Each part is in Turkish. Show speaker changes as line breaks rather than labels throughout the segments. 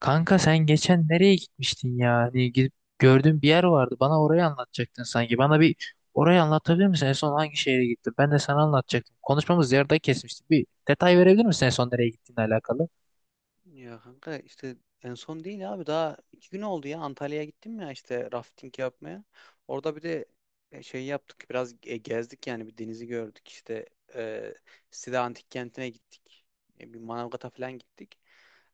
Kanka sen geçen nereye gitmiştin ya? Hani gidip gördüğün bir yer vardı. Bana orayı anlatacaktın sanki. Bana bir orayı anlatabilir misin? En son hangi şehre gittin? Ben de sana anlatacaktım. Konuşmamız yarıda kesmişti. Bir detay verebilir misin en son nereye gittiğinle alakalı?
Ya kanka işte, en son değil abi, daha 2 gün oldu ya, Antalya'ya gittim ya, işte rafting yapmaya. Orada bir de şey yaptık, biraz gezdik yani, bir denizi gördük işte, e, Side Antik Kenti'ne gittik. Bir Manavgat'a falan gittik.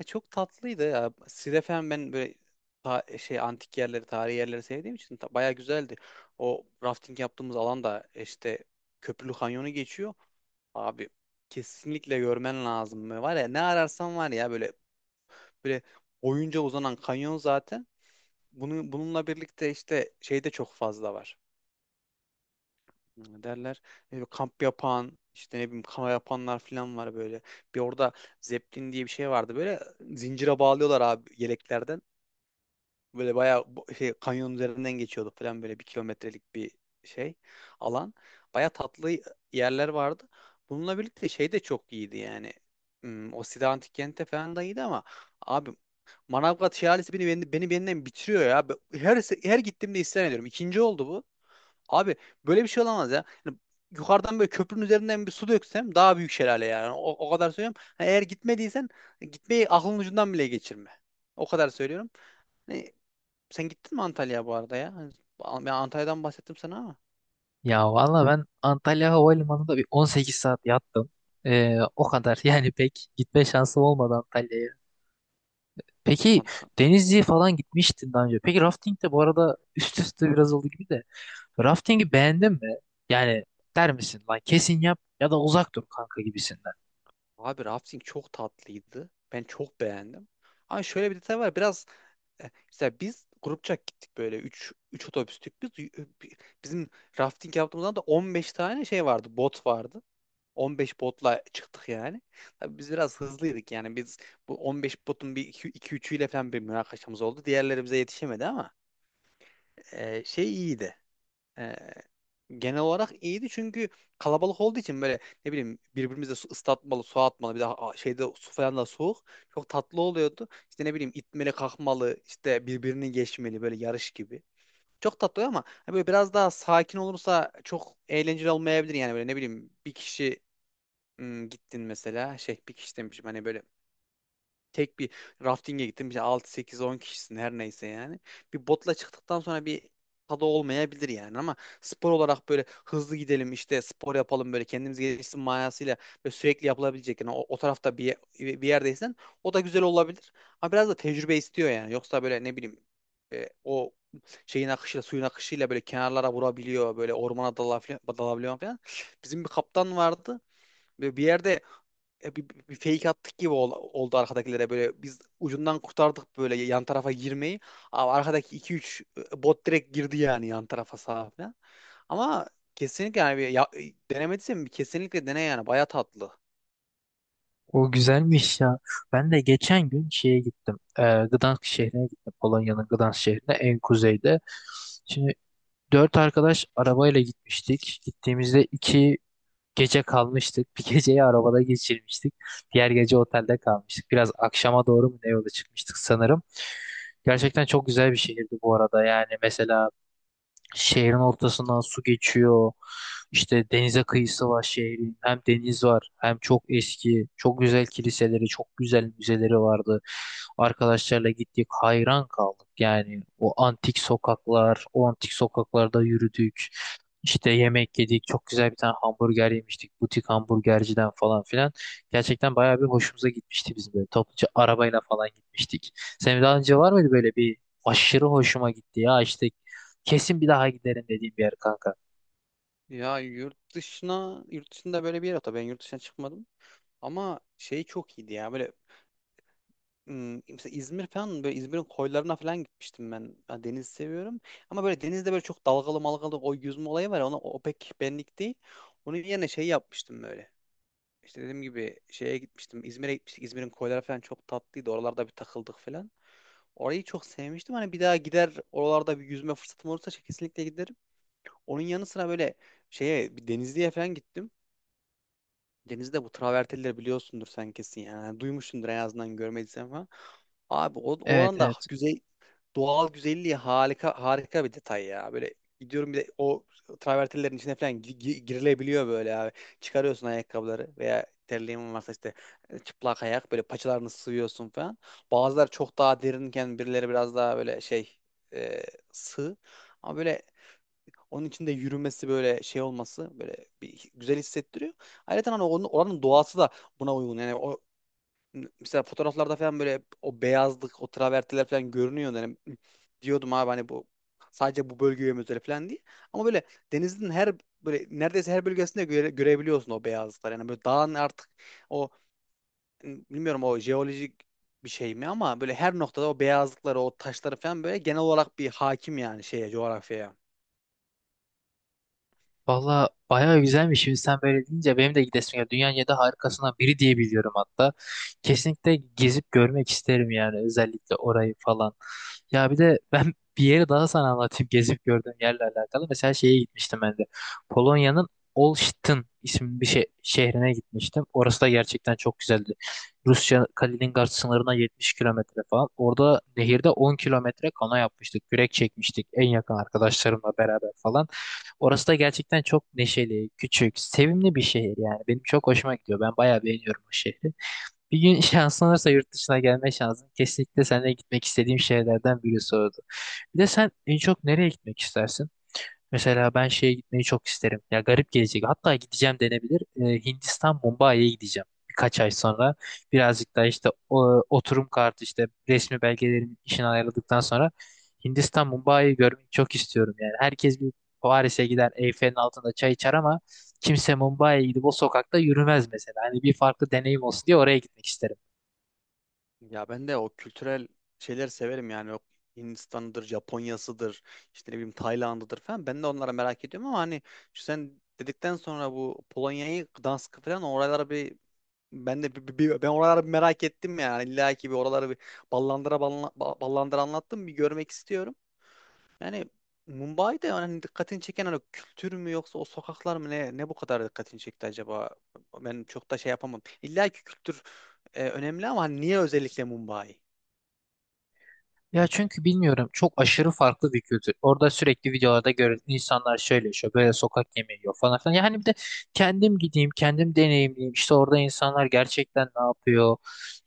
Çok tatlıydı ya. Side falan, ben böyle şey antik yerleri, tarihi yerleri sevdiğim için bayağı güzeldi. O rafting yaptığımız alan da işte Köprülü Kanyonu geçiyor. Abi, kesinlikle görmen lazım. Var ya, ne ararsan var ya, böyle böyle boyunca uzanan kanyon zaten. Bununla birlikte işte şey de çok fazla var. Ne derler. Böyle kamp yapan, işte ne bileyim kano yapanlar falan var böyle. Bir orada zeplin diye bir şey vardı. Böyle zincire bağlıyorlar abi, yeleklerden. Böyle bayağı şey, kanyonun üzerinden geçiyordu falan, böyle 1 kilometrelik bir şey alan. Bayağı tatlı yerler vardı. Bununla birlikte şey de çok iyiydi yani. Hmm. O Side Antik Kent'te falan da iyiydi ama abi, Manavgat Şelalesi beni benden bitiriyor ya. Her gittiğimde isyan ediyorum. İkinci oldu bu. Abi, böyle bir şey olamaz ya. Yani yukarıdan böyle köprünün üzerinden bir su döksem daha büyük şelale yani. O kadar söylüyorum. Ha, eğer gitmediysen gitmeyi aklın ucundan bile geçirme. O kadar söylüyorum. Hani sen gittin mi Antalya'ya bu arada ya? Hani ben Antalya'dan bahsettim sana ama.
Ya valla ben Antalya Havalimanı'nda bir 18 saat yattım. O kadar yani pek gitme şansım olmadı Antalya'ya. Peki
Ant-
Denizli'ye falan gitmiştin daha önce. Peki rafting de bu arada üst üste biraz oldu gibi de. Rafting'i beğendin mi? Yani der misin lan kesin yap ya da uzak dur kanka gibisinden.
Abi, rafting çok tatlıydı. Ben çok beğendim. Ama şöyle bir detay var. Biraz mesela biz grupça gittik, böyle üç otobüstük biz. Bi- Bizim rafting yaptığımızda da 15 tane şey vardı, bot vardı. 15 botla çıktık yani. Tabii biz biraz hızlıydık yani, biz bu 15 botun bir 2 üçüyle falan bir münakaşamız oldu. Diğerleri bize yetişemedi ama şey iyiydi, e, genel olarak iyiydi çünkü kalabalık olduğu için böyle ne bileyim birbirimize su ıslatmalı, su atmalı, bir de şeyde su falan da soğuk. Çok tatlı oluyordu. İşte ne bileyim, itmeli, kalkmalı, işte birbirini geçmeli, böyle yarış gibi. Çok tatlı oluyor ama hani böyle biraz daha sakin olursa çok eğlenceli olmayabilir yani. Böyle ne bileyim, bir kişi gittin mesela, şey, bir kişi demişim hani, böyle tek bir rafting'e gittim. İşte 6 8 10 kişisin, her neyse yani. Bir botla çıktıktan sonra bir tadı olmayabilir yani. Ama spor olarak böyle hızlı gidelim işte, spor yapalım, böyle kendimiz gelişsin manasıyla ve sürekli yapılabilecek yani. O tarafta bir yerdeysen o da güzel olabilir. Ama biraz da tecrübe istiyor yani. Yoksa böyle ne bileyim, o şeyin akışıyla, suyun akışıyla böyle kenarlara vurabiliyor, böyle ormana dalabiliyor falan. Bizim bir kaptan vardı. Böyle bir yerde bir fake attık gibi oldu arkadakilere, böyle biz ucundan kurtardık böyle yan tarafa girmeyi. Ama arkadaki 2-3 bot direkt girdi yani, yan tarafa, sağa falan. Ama kesinlikle yani, denemediysen bir kesinlikle dene yani, baya tatlı.
O güzelmiş ya. Ben de geçen gün şeye gittim. Gdansk şehrine gittim. Polonya'nın Gdansk şehrine en kuzeyde. Şimdi dört arkadaş arabayla gitmiştik. Gittiğimizde iki gece kalmıştık. Bir geceyi arabada geçirmiştik. Diğer gece otelde kalmıştık. Biraz akşama doğru mu ne yola çıkmıştık sanırım. Gerçekten çok güzel bir şehirdi bu arada. Yani mesela şehrin ortasından su geçiyor. İşte denize kıyısı var şehrin. Hem deniz var, hem çok eski, çok güzel kiliseleri, çok güzel müzeleri vardı. Arkadaşlarla gittik, hayran kaldık. Yani o antik sokaklar, o antik sokaklarda yürüdük. İşte yemek yedik, çok güzel bir tane hamburger yemiştik, butik hamburgerciden falan filan. Gerçekten bayağı bir hoşumuza gitmişti, bizim böyle topluca arabayla falan gitmiştik. Senin daha önce var mıydı böyle bir aşırı hoşuma gitti ya, işte kesin bir daha giderim dediğim bir yer kanka.
Ya yurt dışına yurt dışında böyle bir yer, hatta ben yurt dışına çıkmadım, ama şey çok iyiydi ya böyle. Hmm, mesela İzmir falan, böyle İzmir'in koylarına falan gitmiştim ben. Ya, deniz seviyorum. Ama böyle denizde böyle çok dalgalı malgalı, o yüzme olayı var. Ona o pek benlik değil. Onun yerine şey yapmıştım böyle. İşte dediğim gibi şeye gitmiştim. İzmir'e gitmiştik. İzmir'in koyları falan çok tatlıydı. Oralarda bir takıldık falan. Orayı çok sevmiştim. Hani bir daha gider, oralarda bir yüzme fırsatım olursa kesinlikle giderim. Onun yanı sıra böyle şeye, bir Denizli'ye falan gittim. Denizde bu travertenleri biliyorsundur sen kesin yani. Yani duymuşsundur en azından, görmediysen falan. Abi,
Evet,
oranın da
evet.
güzel doğal güzelliği, harika bir detay ya. Böyle gidiyorum, bir de o travertenlerin içine falan girilebiliyor böyle abi. Çıkarıyorsun ayakkabıları, veya terliğin varsa işte çıplak ayak böyle paçalarını sıvıyorsun falan. Bazıları çok daha derinken birileri biraz daha böyle şey, e, sığ. Ama böyle onun içinde yürümesi, böyle şey olması, böyle bir güzel hissettiriyor. Ayrıca hani oranın doğası da buna uygun. Yani o, mesela fotoğraflarda falan böyle o beyazlık, o travertiler falan görünüyor. Yani diyordum abi, hani bu sadece bu bölgeye mi özel falan değil. Ama böyle denizin her, böyle neredeyse her bölgesinde görebiliyorsun o beyazlıklar. Yani böyle dağın artık o, bilmiyorum, o jeolojik bir şey mi, ama böyle her noktada o beyazlıkları, o taşları falan böyle genel olarak bir hakim yani şeye, coğrafyaya.
Valla bayağı güzelmiş. Şimdi sen böyle deyince benim de gidesim ya, dünyanın yedi harikasından biri diye biliyorum hatta. Kesinlikle gezip görmek isterim yani, özellikle orayı falan. Ya bir de ben bir yeri daha sana anlatayım gezip gördüğüm yerle alakalı. Mesela şeye gitmiştim ben de. Polonya'nın Olsztyn isimli bir şey, şehrine gitmiştim. Orası da gerçekten çok güzeldi. Rusya Kaliningrad sınırına 70 kilometre falan. Orada nehirde 10 kilometre kano yapmıştık. Kürek çekmiştik en yakın arkadaşlarımla beraber falan. Orası da gerçekten çok neşeli, küçük, sevimli bir şehir yani. Benim çok hoşuma gidiyor. Ben bayağı beğeniyorum o şehri. Bir gün şansın olursa yurt dışına gelme şansın, kesinlikle seninle gitmek istediğim şehirlerden birisi oldu. Bir de sen en çok nereye gitmek istersin? Mesela ben şeye gitmeyi çok isterim. Ya garip gelecek. Hatta gideceğim denebilir. Hindistan Mumbai'ye gideceğim. Birkaç ay sonra. Birazcık daha işte oturum kartı işte resmi belgelerimi işini ayarladıktan sonra Hindistan Mumbai'yi görmeyi çok istiyorum. Yani herkes bir Paris'e gider, Eyfel'in altında çay içer ama kimse Mumbai'ye gidip o sokakta yürümez mesela. Hani bir farklı deneyim olsun diye oraya gitmek isterim.
Ya ben de o kültürel şeyleri severim yani. Yok Hindistan'dır, Japonya'sıdır, işte ne bileyim Tayland'ıdır falan. Ben de onlara merak ediyorum, ama hani şu sen dedikten sonra bu Polonya'yı, Gdansk'ı falan, oralara bir ben de ben oralara bir merak ettim yani. İlla ki bir oraları bir ballandıra anlattım, bir görmek istiyorum. Yani Mumbai'de yani dikkatini çeken, hani kültür mü yoksa o sokaklar mı, ne bu kadar dikkatini çekti acaba? Ben çok da şey yapamam. İlla ki kültür önemli, ama hani niye özellikle Mumbai?
Ya çünkü bilmiyorum, çok aşırı farklı bir kültür. Orada sürekli videolarda görüyoruz, insanlar şöyle yaşıyor, böyle sokak yemeği yiyor falan filan. Yani bir de kendim gideyim, kendim deneyimleyeyim, İşte orada insanlar gerçekten ne yapıyor,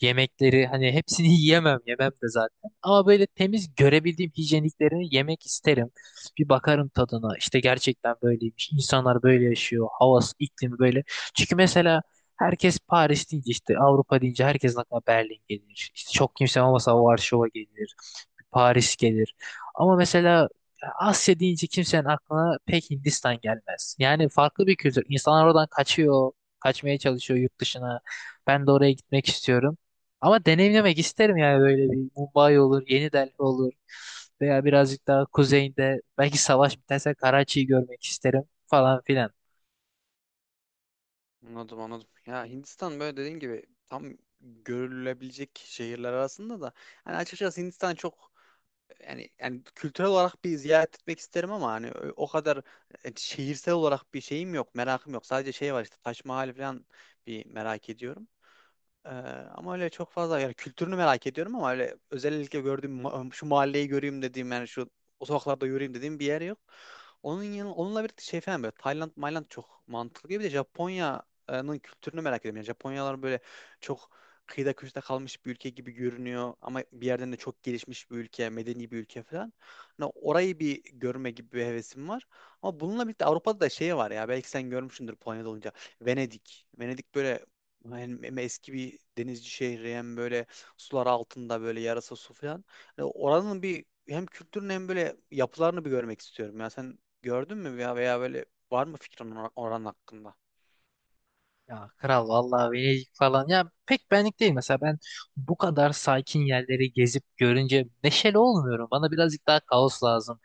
yemekleri hani hepsini yiyemem, yemem de zaten. Ama böyle temiz görebildiğim hijyeniklerini yemek isterim. Bir bakarım tadına, İşte gerçekten böyleymiş, İnsanlar böyle yaşıyor, havası iklimi böyle. Çünkü mesela herkes Paris deyince, işte Avrupa deyince herkesin aklına Berlin gelir. İşte çok kimse olmasa Varşova gelir. Paris gelir. Ama mesela Asya deyince kimsenin aklına pek Hindistan gelmez. Yani farklı bir kültür. İnsanlar oradan kaçıyor, kaçmaya çalışıyor yurt dışına. Ben de oraya gitmek istiyorum. Ama deneyimlemek isterim yani, böyle bir Mumbai olur, Yeni Delhi olur veya birazcık daha kuzeyinde belki savaş biterse Karachi'yi görmek isterim falan filan.
Anladım, anladım. Ya Hindistan, böyle dediğin gibi tam görülebilecek şehirler arasında da hani, açıkçası Hindistan çok yani kültürel olarak bir ziyaret etmek isterim ama hani o kadar şehirsel olarak bir şeyim yok, merakım yok. Sadece şey var, işte Taş Mahal falan bir merak ediyorum. Ee, Ama öyle çok fazla yani kültürünü merak ediyorum, ama öyle özellikle gördüğüm şu mahalleyi göreyim dediğim yani, şu o sokaklarda yürüyeyim dediğim bir yer yok. Onunla birlikte şey falan, böyle Tayland, Mayland çok mantıklı gibi de, Japonya'nın kültürünü merak ediyorum. Yani Japonyalar böyle çok kıyıda köşede kalmış bir ülke gibi görünüyor, ama bir yerden de çok gelişmiş bir ülke, medeni bir ülke falan. Hani orayı bir görme gibi bir hevesim var. Ama bununla birlikte Avrupa'da da şey var ya, belki sen görmüşsündür Polonya'da olunca. Venedik. Venedik böyle hem eski bir denizci şehri, hem böyle sular altında, böyle yarasa su falan. Hani oranın bir hem kültürünü hem böyle yapılarını bir görmek istiyorum. Ya sen gördün mü ya, veya böyle var mı fikrin oran hakkında?
Ya kral vallahi Venedik falan ya pek benlik değil, mesela ben bu kadar sakin yerleri gezip görünce neşeli olmuyorum. Bana birazcık daha kaos lazım.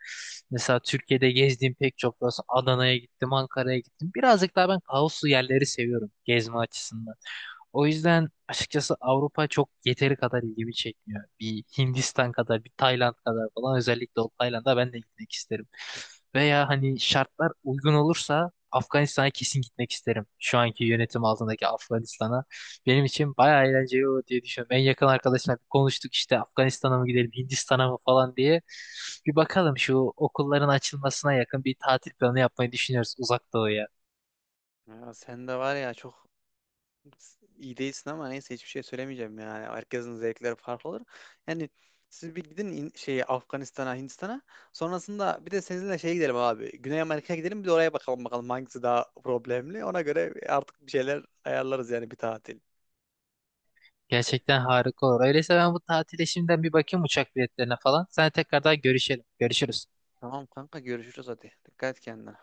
Mesela Türkiye'de gezdiğim pek çok burası, Adana'ya gittim, Ankara'ya gittim. Birazcık daha ben kaoslu yerleri seviyorum gezme açısından. O yüzden açıkçası Avrupa çok yeteri kadar ilgimi çekmiyor. Bir Hindistan kadar, bir Tayland kadar falan, özellikle o Tayland'a ben de gitmek isterim. Veya hani şartlar uygun olursa Afganistan'a kesin gitmek isterim. Şu anki yönetim altındaki Afganistan'a. Benim için bayağı eğlenceli olur diye düşünüyorum. En yakın arkadaşımla konuştuk işte Afganistan'a mı gidelim, Hindistan'a mı falan diye. Bir bakalım, şu okulların açılmasına yakın bir tatil planı yapmayı düşünüyoruz uzak doğuya.
Ya sen de var ya, çok iyi değilsin, ama neyse, hiçbir şey söylemeyeceğim yani. Herkesin zevkleri farklı olur. Yani siz bir gidin şeye, Afganistan'a, Hindistan'a. Sonrasında bir de seninle şeye gidelim abi. Güney Amerika'ya gidelim, bir de oraya bakalım hangisi daha problemli. Ona göre artık bir şeyler ayarlarız yani, bir tatil.
Gerçekten harika olur. Öyleyse ben bu tatile şimdiden bir bakayım uçak biletlerine falan. Sen tekrardan görüşelim. Görüşürüz.
Tamam kanka, görüşürüz hadi. Dikkat et kendine.